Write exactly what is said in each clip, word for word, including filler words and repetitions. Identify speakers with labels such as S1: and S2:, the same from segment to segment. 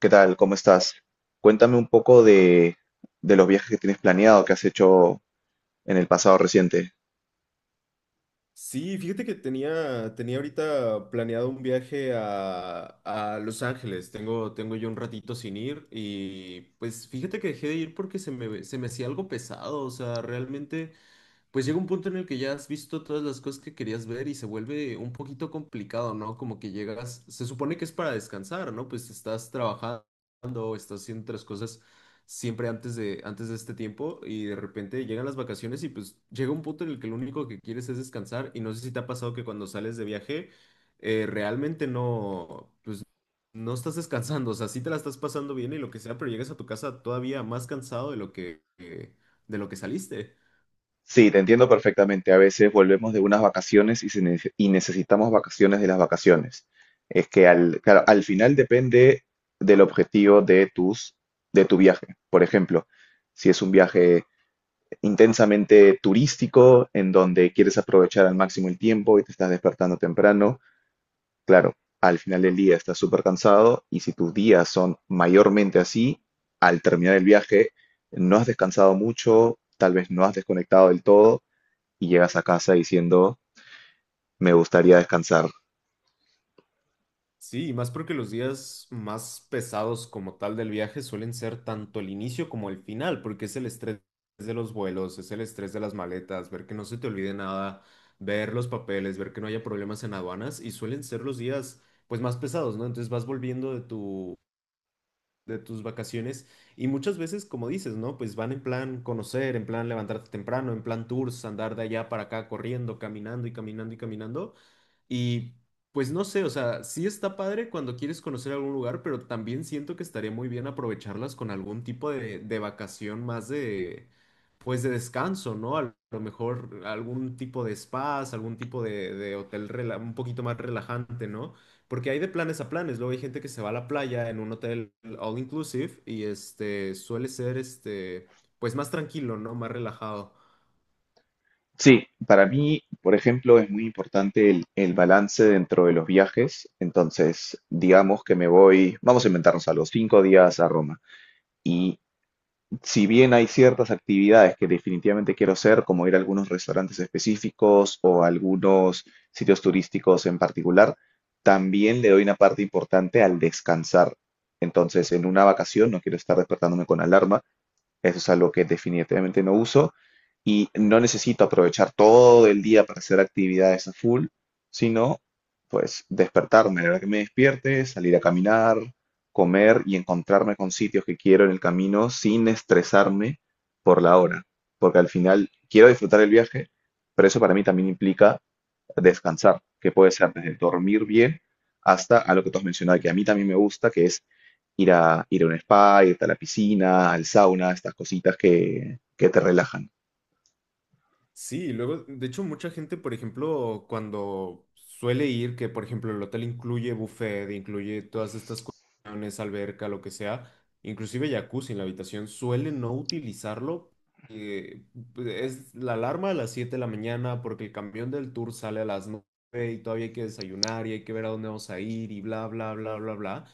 S1: ¿Qué tal? ¿Cómo estás? Cuéntame un poco de, de los viajes que tienes planeado, que has hecho en el pasado reciente.
S2: Sí, fíjate que tenía, tenía ahorita planeado un viaje a, a Los Ángeles. Tengo, tengo yo un ratito sin ir y pues fíjate que dejé de ir porque se me, se me hacía algo pesado. O sea, realmente, pues llega un punto en el que ya has visto todas las cosas que querías ver y se vuelve un poquito complicado, ¿no? Como que llegas, se supone que es para descansar, ¿no? Pues estás trabajando, estás haciendo otras cosas siempre antes de, antes de este tiempo y de repente llegan las vacaciones y pues llega un punto en el que lo único que quieres es descansar y no sé si te ha pasado que cuando sales de viaje eh, realmente no, pues no estás descansando, o sea, sí te la estás pasando bien y lo que sea, pero llegas a tu casa todavía más cansado de lo que, que- de lo que saliste.
S1: Sí, te entiendo perfectamente. A veces volvemos de unas vacaciones y, se nece- y necesitamos vacaciones de las vacaciones. Es que al, claro, al final depende del objetivo de tus, de tu viaje. Por ejemplo, si es un viaje intensamente turístico, en donde quieres aprovechar al máximo el tiempo y te estás despertando temprano, claro, al final del día estás súper cansado y si tus días son mayormente así, al terminar el viaje no has descansado mucho, tal vez no has desconectado del todo y llegas a casa diciendo, me gustaría descansar.
S2: Sí, y más porque los días más pesados como tal del viaje suelen ser tanto el inicio como el final, porque es el estrés de los vuelos, es el estrés de las maletas, ver que no se te olvide nada, ver los papeles, ver que no haya problemas en aduanas y suelen ser los días pues más pesados, ¿no? Entonces vas volviendo de tu de tus vacaciones y muchas veces, como dices, ¿no? Pues van en plan conocer, en plan levantarte temprano, en plan tours, andar de allá para acá corriendo, caminando y caminando y caminando. Y pues no sé, o sea, sí está padre cuando quieres conocer algún lugar, pero también siento que estaría muy bien aprovecharlas con algún tipo de, de vacación más de, pues de descanso, ¿no? A lo mejor algún tipo de spas, algún tipo de, de hotel rela- un poquito más relajante, ¿no? Porque hay de planes a planes, luego hay gente que se va a la playa en un hotel all inclusive y este suele ser este, pues más tranquilo, ¿no? Más relajado.
S1: Sí, para mí, por ejemplo, es muy importante el, el balance dentro de los viajes. Entonces, digamos que me voy, vamos a inventarnos algo, cinco días a Roma, y si bien hay ciertas actividades que definitivamente quiero hacer, como ir a algunos restaurantes específicos o a algunos sitios turísticos en particular, también le doy una parte importante al descansar. Entonces, en una vacación no quiero estar despertándome con alarma, eso es algo que definitivamente no uso y no necesito aprovechar todo el día para hacer actividades a full, sino pues despertarme, a la hora que me despierte, salir a caminar, comer y encontrarme con sitios que quiero en el camino sin estresarme por la hora, porque al final quiero disfrutar el viaje, pero eso para mí también implica descansar, que puede ser desde dormir bien hasta a lo que tú has mencionado, que a mí también me gusta, que es ir a, ir a un spa, irte a la piscina, al sauna, estas cositas que, que te relajan.
S2: Sí, luego, de hecho, mucha gente, por ejemplo, cuando suele ir, que por ejemplo el hotel incluye buffet, incluye todas estas cuestiones, alberca, lo que sea, inclusive jacuzzi en la habitación, suele no utilizarlo. eh, es la alarma a las siete de la mañana porque el camión del tour sale a las nueve y todavía hay que desayunar y hay que ver a dónde vamos a ir y bla, bla, bla, bla, bla.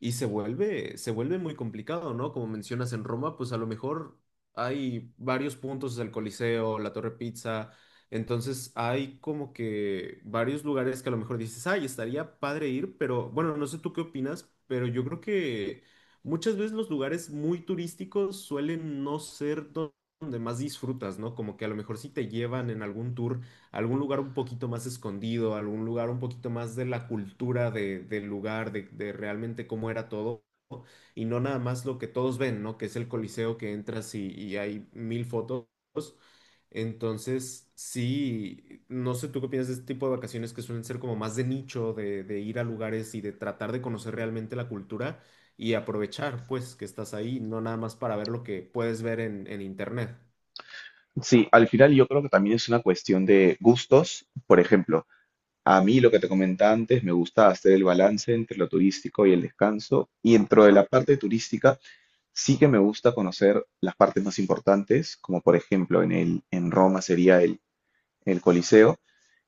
S2: Y se vuelve, se vuelve muy complicado, ¿no? Como mencionas en Roma, pues a lo mejor hay varios puntos del Coliseo, la Torre Pizza. Entonces hay como que varios lugares que a lo mejor dices, ay, estaría padre ir, pero bueno, no sé tú qué opinas, pero yo creo que muchas veces los lugares muy turísticos suelen no ser do- donde más disfrutas, ¿no? Como que a lo mejor si te llevan en algún tour a algún lugar un poquito más escondido, a algún lugar un poquito más de la cultura de- del lugar, de de realmente cómo era todo y no nada más lo que todos ven, ¿no? Que es el Coliseo que entras y, y hay mil fotos. Entonces, sí, no sé tú qué piensas de este tipo de vacaciones que suelen ser como más de nicho, de, de ir a lugares y de tratar de conocer realmente la cultura y aprovechar, pues, que estás ahí, no nada más para ver lo que puedes ver en, en internet.
S1: Sí, al final yo creo que también es una cuestión de gustos. Por ejemplo, a mí lo que te comentaba antes, me gusta hacer el balance entre lo turístico y el descanso. Y dentro de la parte turística, sí que me gusta conocer las partes más importantes, como por ejemplo en, el, en Roma sería el, el Coliseo.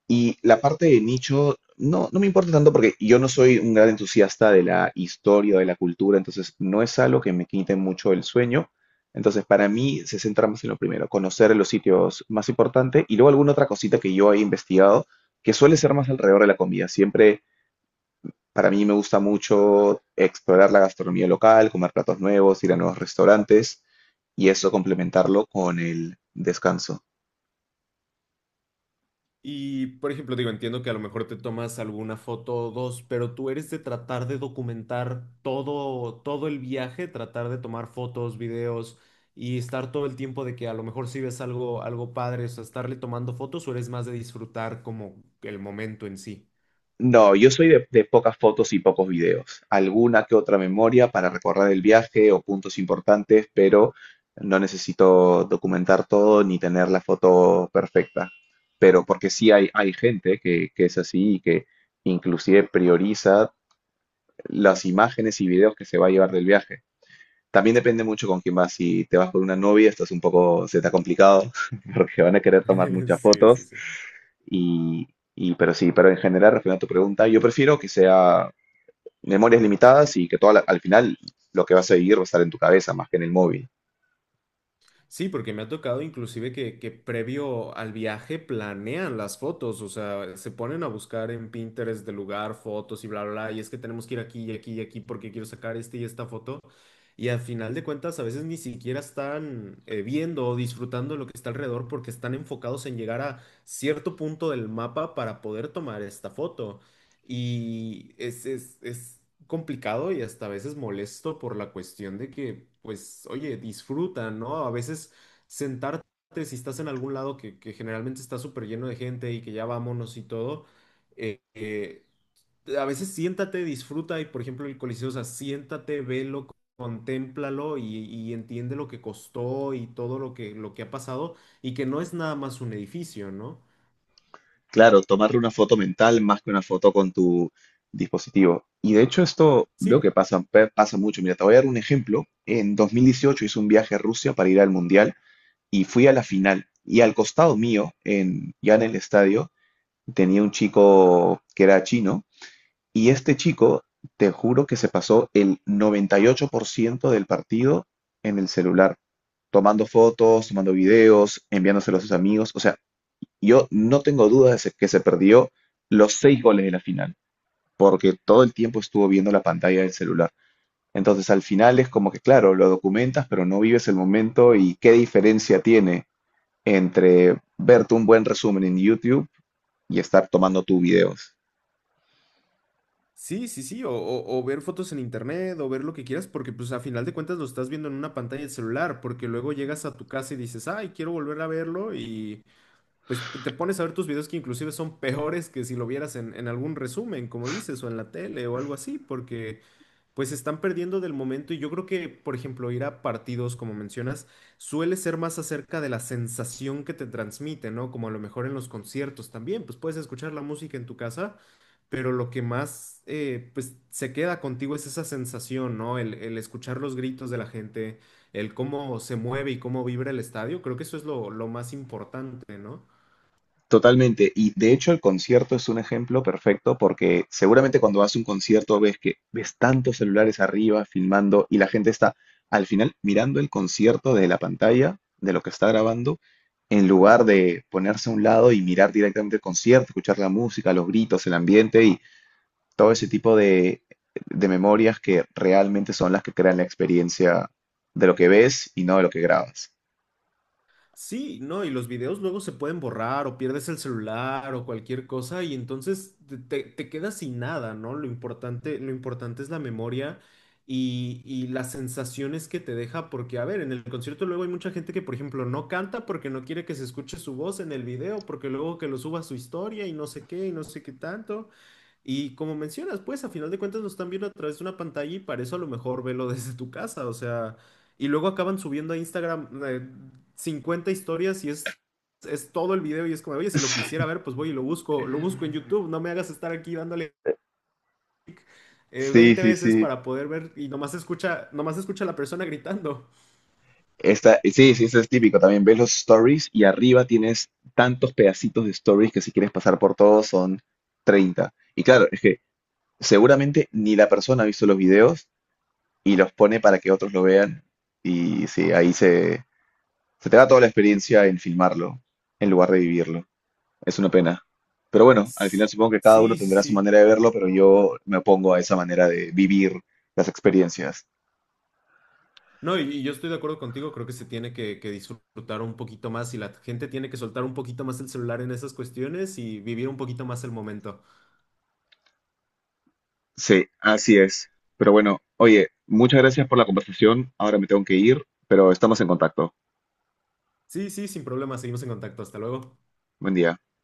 S1: Y la parte de nicho no, no me importa tanto porque yo no soy un gran entusiasta de la historia, de la cultura, entonces no es algo que me quite mucho el sueño. Entonces para mí se centra más en lo primero, conocer los sitios más importantes y luego alguna otra cosita que yo he investigado, que suele ser más alrededor de la comida. Siempre para mí me gusta mucho explorar la gastronomía local, comer platos nuevos, ir a nuevos restaurantes y eso complementarlo con el descanso.
S2: Y, por ejemplo, digo, entiendo que a lo mejor te tomas alguna foto o dos, pero tú eres de tratar de documentar todo, todo el viaje, tratar de tomar fotos, videos y estar todo el tiempo de que a lo mejor si ves algo, algo padre, o sea, estarle tomando fotos o eres más de disfrutar como el momento en sí.
S1: No, yo soy de, de pocas fotos y pocos videos. Alguna que otra memoria para recordar el viaje o puntos importantes, pero no necesito documentar todo ni tener la foto perfecta. Pero porque sí hay, hay gente que, que es así y que inclusive prioriza las imágenes y videos que se va a llevar del viaje. También depende mucho con quién vas. Si te vas con una novia, esto es un poco, se te ha complicado porque van a querer tomar muchas
S2: Sí, sí,
S1: fotos.
S2: sí.
S1: Y, y- pero sí, pero en general, respondiendo a tu pregunta, yo prefiero que sea memorias limitadas y que todo al final lo que vas a vivir va a estar en tu cabeza más que en el móvil.
S2: Sí, porque me ha tocado inclusive que, que previo al viaje planean las fotos, o sea, se ponen a buscar en Pinterest del lugar fotos y bla, bla, bla, y es que tenemos que ir aquí y aquí y aquí porque quiero sacar este y esta foto. Y al final de cuentas, a veces ni siquiera están eh, viendo o disfrutando lo que está alrededor porque están enfocados en llegar a cierto punto del mapa para poder tomar esta foto. Y es, es, es complicado y hasta a veces molesto por la cuestión de que, pues, oye, disfruta, ¿no? A veces sentarte, si estás en algún lado que, que generalmente está súper lleno de gente y que ya vámonos y todo, eh, eh, a veces siéntate, disfruta y, por ejemplo, el Coliseo, o sea, siéntate, velo, contémplalo y, y entiende lo que costó y todo lo que, lo que ha pasado y que no es nada más un edificio, ¿no?
S1: Claro, tomarle una foto mental más que una foto con tu dispositivo. Y de hecho esto veo
S2: Sí,
S1: que pasa, pe- pasa mucho. Mira, te voy a dar un ejemplo. En dos mil dieciocho hice un viaje a Rusia para ir al Mundial y fui a la final. Y al costado mío, en, ya en el estadio, tenía un chico que era chino. Y este chico, te juro que se pasó el noventa y ocho por ciento del partido en el celular, tomando fotos, tomando videos, enviándoselo a sus amigos. O sea, yo no tengo duda de se- que se perdió los seis goles de la final, porque todo el tiempo estuvo viendo la pantalla del celular. Entonces, al final es como que, claro, lo documentas, pero no vives el momento y qué diferencia tiene entre verte un buen resumen en YouTube y estar tomando tus videos.
S2: sí, sí, sí, o, o- o ver fotos en internet, o ver lo que quieras, porque pues a final de cuentas lo estás viendo en una pantalla del celular, porque luego llegas a tu casa y dices, ay, quiero volver a verlo, y pues te pones a ver tus videos que inclusive son peores que si lo vieras en, en algún resumen, como dices, o en la tele o algo así, porque pues se están perdiendo del momento y yo creo que, por ejemplo, ir a partidos, como mencionas, suele ser más acerca de la sensación que te transmite, ¿no? Como a lo mejor en los conciertos también, pues puedes escuchar la música en tu casa pero lo que más eh, pues, se queda contigo es esa sensación, ¿no? El, el escuchar los gritos de la gente, el cómo se mueve y cómo vibra el estadio, creo que eso es lo, lo más importante, ¿no?
S1: Totalmente. Y de hecho el concierto es un ejemplo perfecto porque seguramente cuando vas a un concierto ves que ves tantos celulares arriba filmando y la gente está al final mirando el concierto de la pantalla, de lo que está grabando, en lugar de ponerse a un lado y mirar directamente el concierto, escuchar la música, los gritos, el ambiente y todo ese tipo de, de memorias que realmente son las que crean la experiencia de lo que ves y no de lo que grabas.
S2: Sí, no, y los videos luego se pueden borrar o pierdes el celular o cualquier cosa y entonces te, te- te quedas sin nada, ¿no? Lo importante, lo importante es la memoria y, y las sensaciones que te deja, porque a ver, en el concierto luego hay mucha gente que, por ejemplo, no canta porque no quiere que se escuche su voz en el video, porque luego que lo suba a su historia y no sé qué y no sé qué tanto. Y como mencionas, pues a final de cuentas nos están viendo a través de una pantalla y para eso a lo mejor velo desde tu casa, o sea, y luego acaban subiendo a Instagram eh, cincuenta historias y es, es todo el video y es como, oye, si lo quisiera ver, pues voy y lo busco, lo busco en YouTube, no me hagas estar aquí dándole eh,
S1: Sí,
S2: veinte
S1: sí,
S2: veces
S1: sí.
S2: para poder ver y nomás escucha, nomás escucha a la persona gritando.
S1: Esta, sí, sí, eso es típico. También ves los stories y arriba tienes tantos pedacitos de stories que si quieres pasar por todos son treinta. Y claro, es que seguramente ni la persona ha visto los videos y los pone para que otros lo vean. Y sí, ahí se, se te va toda la experiencia en filmarlo, en lugar de vivirlo. Es una pena. Pero bueno, al final
S2: S-
S1: supongo que cada uno
S2: Sí, sí,
S1: tendrá su
S2: sí.
S1: manera de verlo, pero yo me opongo a esa manera de vivir las experiencias.
S2: No, y, y yo estoy de acuerdo contigo, creo que se tiene que, que disfrutar un poquito más y la gente tiene que soltar un poquito más el celular en esas cuestiones y vivir un poquito más el momento.
S1: Sí, así es. Pero bueno, oye, muchas gracias por la conversación. Ahora me tengo que ir, pero estamos en contacto.
S2: Sí, sí, sin problema, seguimos en contacto, hasta luego.
S1: Buen día.